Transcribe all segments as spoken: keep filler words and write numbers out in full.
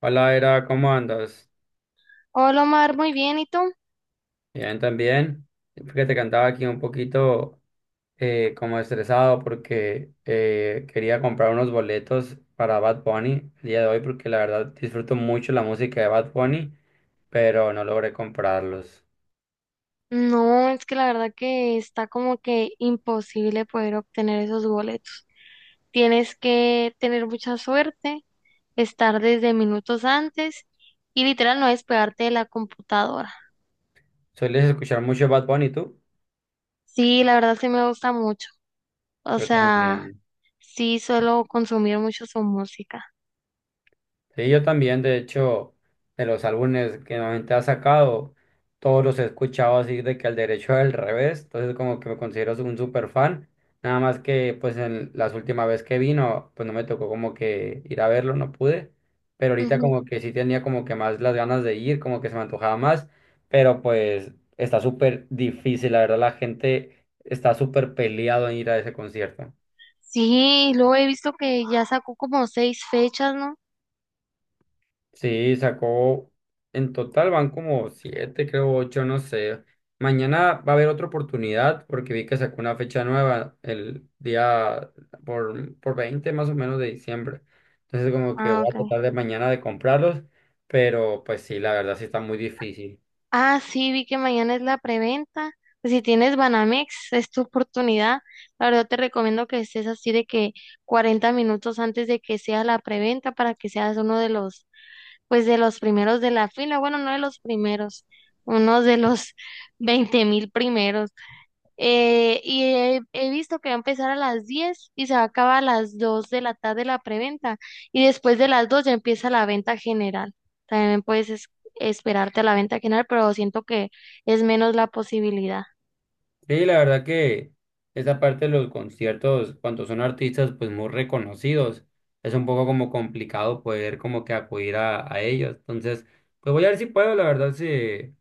Hola, Era, ¿cómo andas? Hola Omar, muy bien, ¿y tú? Bien, también. Fíjate que andaba aquí un poquito eh, como estresado porque eh, quería comprar unos boletos para Bad Bunny el día de hoy porque la verdad disfruto mucho la música de Bad Bunny, pero no logré comprarlos. No, es que la verdad que está como que imposible poder obtener esos boletos. Tienes que tener mucha suerte, estar desde minutos antes y literal no despegarte de la computadora. ¿Sueles escuchar mucho Bad Bunny tú? Sí, la verdad sí me gusta mucho. O Yo sea, también. sí suelo consumir mucho su música. Sí, yo también, de hecho, de los álbumes que normalmente ha sacado, todos los he escuchado así de que al derecho al revés, entonces como que me considero un super fan, nada más que pues en las últimas veces que vino, pues no me tocó como que ir a verlo, no pude, pero ahorita Ujú. como que sí tenía como que más las ganas de ir, como que se me antojaba más, pero pues está súper difícil, la verdad la gente está súper peleado en ir a ese concierto. Sí, luego he visto que ya sacó como seis fechas, ¿no? Sí, sacó, en total van como siete, creo ocho, no sé. Mañana va a haber otra oportunidad porque vi que sacó una fecha nueva el día por, por veinte más o menos de diciembre. Entonces como que Ah, voy ok. a tratar de mañana de comprarlos, pero pues sí, la verdad sí está muy difícil. Ah, sí, vi que mañana es la preventa. Pues si tienes Banamex, es tu oportunidad. La verdad te recomiendo que estés así de que cuarenta minutos antes de que sea la preventa para que seas uno de los, pues de los primeros de la fila. Bueno, no de los primeros, uno de los veinte mil primeros. Eh, y he, he visto que va a empezar a las diez y se va a acabar a las dos de la tarde la preventa. Y después de las dos ya empieza la venta general. También puedes es- esperarte a la venta general, pero siento que es menos la posibilidad. Sí, la verdad que esa parte de los conciertos, cuando son artistas pues muy reconocidos, es un poco como complicado poder como que acudir a, a ellos. Entonces, pues voy a ver si puedo, la verdad sí.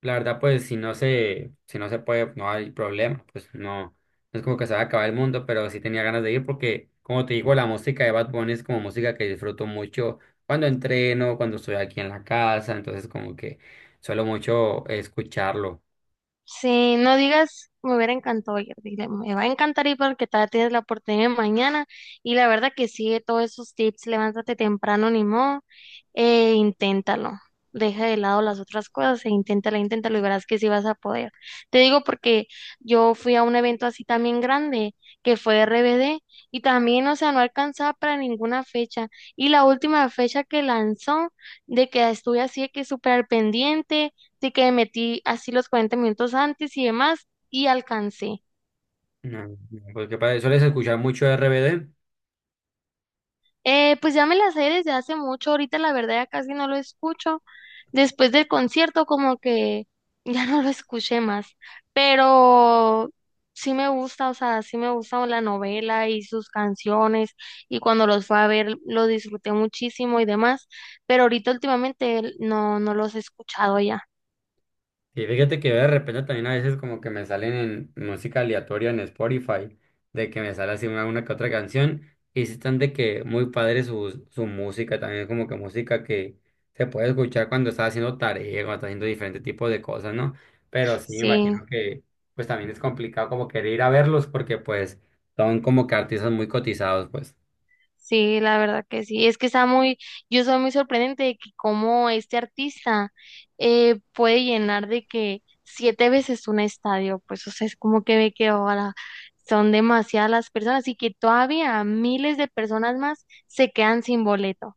La verdad, pues si no se, si no se puede, no hay problema, pues no, no es como que se va a acabar el mundo, pero sí tenía ganas de ir porque, como te digo, la música de Bad Bunny es como música que disfruto mucho cuando entreno, cuando estoy aquí en la casa, entonces como que suelo mucho escucharlo. Sí, no digas, me hubiera encantado ir, dile, me va a encantar ir porque todavía tienes la oportunidad mañana y la verdad que sigue todos esos tips, levántate temprano, ni modo, e inténtalo, deja de lado las otras cosas e inténtalo, inténtalo y verás que sí vas a poder. Te digo porque yo fui a un evento así también grande que fue R B D y también, o sea, no alcanzaba para ninguna fecha y la última fecha que lanzó de que estuve así de que súper al pendiente. Así que me metí así los cuarenta minutos antes y demás y alcancé. No, no, porque para- sueles escuchar mucho R B D. Eh, pues ya me la sé desde hace mucho, ahorita la verdad ya casi no lo escucho. Después del concierto como que ya no lo escuché más, pero sí me gusta, o sea, sí me gusta la novela y sus canciones y cuando los fue a ver lo disfruté muchísimo y demás, pero ahorita últimamente no, no los he escuchado ya. Y fíjate que de repente también a veces como que me salen en música aleatoria en Spotify, de que me sale así una, una que otra canción, y sí están de que muy padre su, su música, también como que música que se puede escuchar cuando estás haciendo tarea, cuando estás haciendo diferentes tipos de cosas, ¿no? Pero sí me Sí. imagino que pues también es complicado como querer ir a verlos porque pues son como que artistas muy cotizados, pues. Sí, la verdad que sí. Es que está muy, yo soy muy sorprendente de que cómo este artista eh, puede llenar de que siete veces un estadio, pues o sea, es como que ve que ahora son demasiadas las personas y que todavía miles de personas más se quedan sin boleto.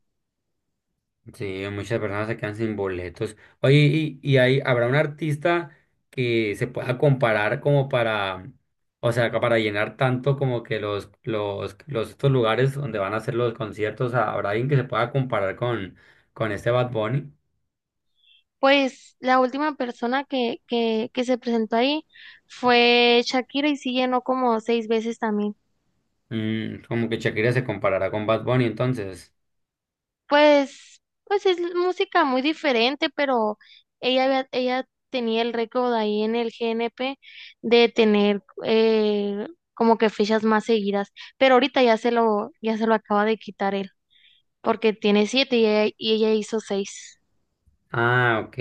Sí, muchas personas se quedan sin boletos. Oye, ¿y, y hay, habrá un artista que se pueda comparar como para, o sea, ca- para llenar tanto como que los, los, los estos lugares donde van a hacer los conciertos, o ¿habrá alguien que se pueda comparar con, con este Bad Bunny? Pues la última persona que, que, que se presentó ahí fue Shakira y sí llenó como seis veces también. Mm, como que Shakira se comparará con Bad Bunny, entonces. Pues, pues es música muy diferente, pero ella, había- ella tenía el récord ahí en el G N P de tener eh, como que fechas más seguidas, pero ahorita ya se lo, ya se lo acaba de quitar él, porque tiene siete y ella, y ella hizo seis. Ah, ok.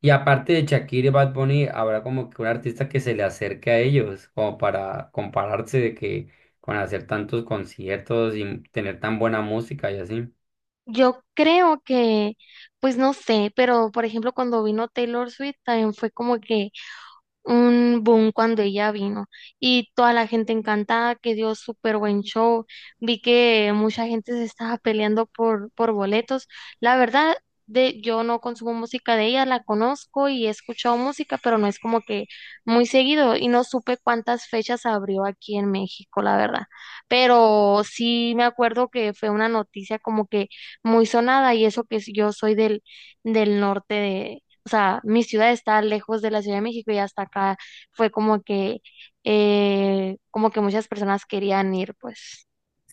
Y aparte de Shakira y Bad Bunny, habrá como que un artista que se le acerque a ellos, como para compararse de que con hacer tantos conciertos y tener tan buena música y así. Yo creo que, pues no sé, pero por ejemplo cuando vino Taylor Swift también fue como que un boom cuando ella vino y toda la gente encantada, que dio súper buen show. Vi que mucha gente se estaba peleando por, por boletos. La verdad, de, yo no consumo música de ella, la conozco y he escuchado música, pero no es como que muy seguido y no supe cuántas fechas abrió aquí en México, la verdad. Pero sí me acuerdo que fue una noticia como que muy sonada y eso que yo soy del, del norte, o sea, mi ciudad está lejos de la Ciudad de México y hasta acá fue como que, eh, como que muchas personas querían ir, pues,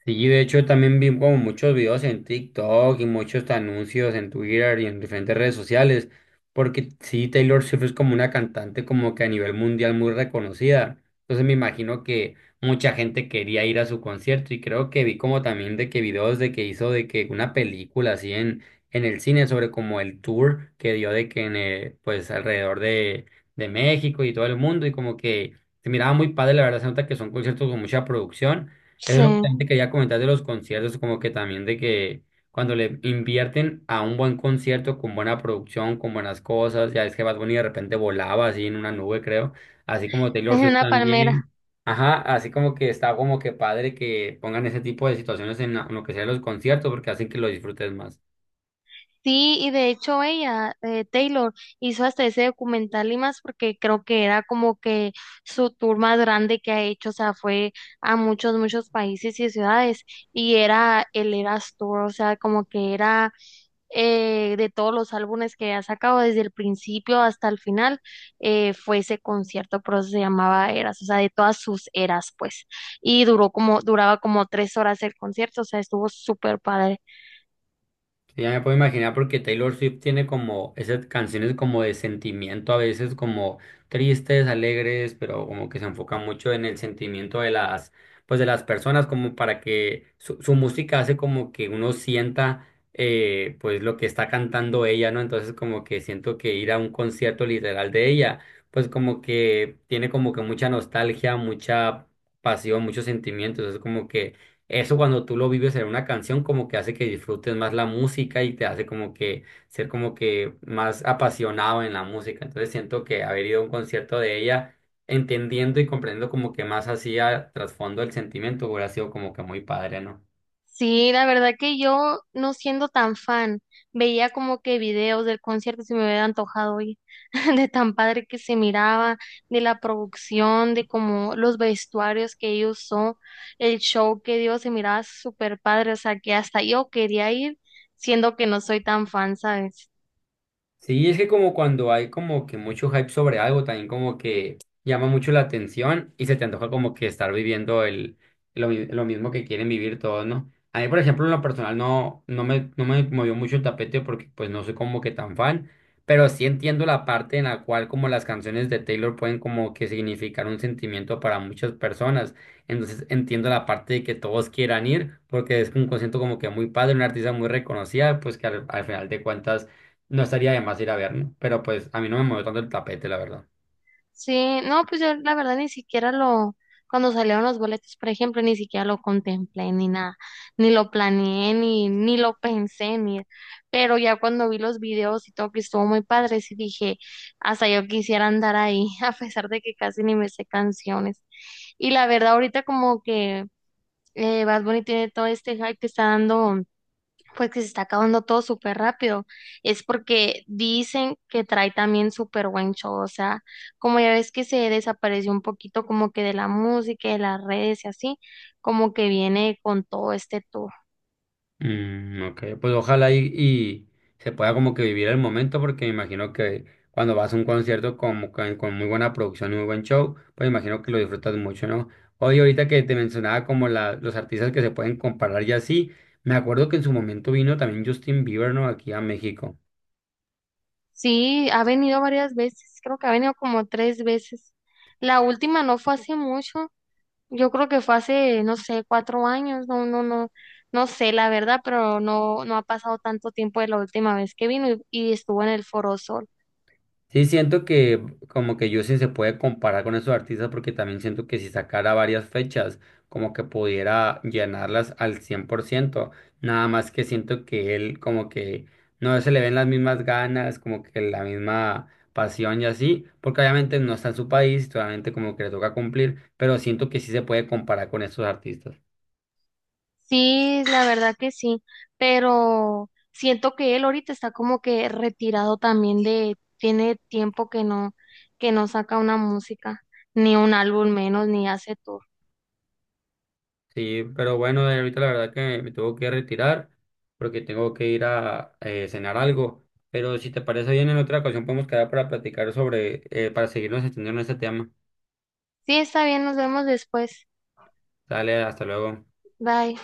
Sí, de hecho también vi como muchos videos en TikTok y muchos anuncios en Twitter y en diferentes redes sociales, porque sí, Taylor Swift es como una cantante como que a nivel mundial muy reconocida. Entonces me imagino que mucha gente quería ir a su concierto y creo que vi como también de que videos de que hizo de que una película así en, en el cine sobre como el tour que dio de que en eh, pues alrededor de, de México y todo el mundo y como que se miraba muy padre, la verdad se nota que son conciertos con mucha producción. Eso es lo que sí, también te quería comentar de los conciertos, como que también de que cuando le invierten a un buen concierto con buena producción, con buenas cosas, ya es que Bad Bunny de repente volaba así en una nube, creo, así como Taylor es Swift una palmera. también. Ajá, así como que está como que padre que pongan ese tipo de situaciones en la- en lo que sea los conciertos porque hacen que lo disfrutes más. Sí, y de hecho ella, eh, Taylor, hizo hasta ese documental y más porque creo que era como que su tour más grande que ha hecho, o sea, fue a muchos, muchos países y ciudades y era el Eras Tour, o sea, como que era eh, de todos los álbumes que ha sacado desde el principio hasta el final, eh, fue ese concierto, por eso se llamaba Eras, o sea, de todas sus eras, pues. Y duró como, duraba como tres horas el concierto, o sea, estuvo súper padre. Ya me puedo imaginar porque Taylor Swift tiene como esas canciones como de sentimiento, a veces como tristes, alegres, pero como que se enfoca mucho en el sentimiento de las, pues de las personas, como para que su, su música hace como que uno sienta eh, pues lo que está cantando ella, ¿no? Entonces como que siento que ir a un concierto literal de ella, pues como que tiene como que mucha nostalgia, mucha pasión, muchos sentimientos, es como que eso cuando tú lo vives en una canción como que hace que disfrutes más la música y te hace como que ser como que más apasionado en la música. Entonces siento que haber ido a un concierto de ella entendiendo y comprendiendo como que más hacía trasfondo el sentimiento hubiera sido como que muy padre, ¿no? Sí, la verdad que yo, no siendo tan fan, veía como que videos del concierto y se me hubiera antojado ir, de tan padre que se miraba, de la producción, de como los vestuarios que ellos usó, el show que dio se miraba súper padre, o sea que hasta yo quería ir, siendo que no soy tan fan, ¿sabes? Sí, es que como cuando hay como que mucho hype sobre algo, también como que llama mucho la atención y se te antoja como que estar viviendo el, lo, mi- lo mismo que quieren vivir todos, ¿no? A mí, por ejemplo, en lo personal no, no me, no me movió mucho el tapete porque pues no soy como que tan fan, pero sí entiendo la parte en la cual como las canciones de Taylor pueden como que significar un sentimiento para muchas personas. Entonces entiendo la parte de que todos quieran ir porque es un concierto como que muy padre, una artista muy reconocida, pues que al al final de cuentas no estaría de más ir a ver, ¿no? Pero pues a mí no me movió tanto el tapete, la verdad. Sí, no, pues yo la verdad ni siquiera lo, cuando salieron los boletos, por ejemplo, ni siquiera lo contemplé ni nada, ni lo planeé, ni, ni lo pensé, ni, pero ya cuando vi los videos y todo que estuvo muy padre, sí dije, hasta yo quisiera andar ahí, a pesar de que casi ni me sé canciones. Y la verdad, ahorita como que eh, Bad Bunny tiene todo este hype que está dando pues que se está acabando todo súper rápido, es porque dicen que trae también súper buen show, o sea, como ya ves que se desapareció un poquito como que de la música, de las redes y así, como que viene con todo este tour. Mm, ok, pues ojalá y, y se pueda como que vivir el momento, porque me imagino que cuando vas a un concierto como con, con muy buena producción y muy buen show, pues me imagino que lo disfrutas mucho, ¿no? Oye, ahorita que te mencionaba como la, los artistas que se pueden comparar y así, me acuerdo que en su momento vino también Justin Bieber, ¿no? Aquí a México. Sí, ha venido varias veces, creo que ha venido como tres veces. La última no fue hace mucho, yo creo que fue hace, no sé, cuatro años, no, no, no, no sé la verdad, pero no, no ha pasado tanto tiempo de la última vez que vino y, y estuvo en el Foro Sol. Sí, siento que como que Justin se puede comparar con esos artistas porque también siento que si sacara varias fechas, como que pudiera llenarlas al cien por ciento nada más que siento que él como que no se le ven las mismas ganas, como que la misma pasión y así, porque obviamente no está en su país, solamente como que le toca cumplir, pero siento que sí se puede comparar con esos artistas. Sí, la verdad que sí, pero siento que él ahorita está como que retirado también de, tiene tiempo que no, que no saca una música, ni un álbum menos, ni hace tour. Sí, pero bueno, eh, ahorita la verdad que me tengo que retirar porque tengo que ir a eh, cenar algo. Pero si te parece bien, en otra ocasión podemos quedar para platicar sobre, eh, para seguirnos extendiendo en este tema. Sí, está bien, nos vemos después. Dale, hasta luego. Bye.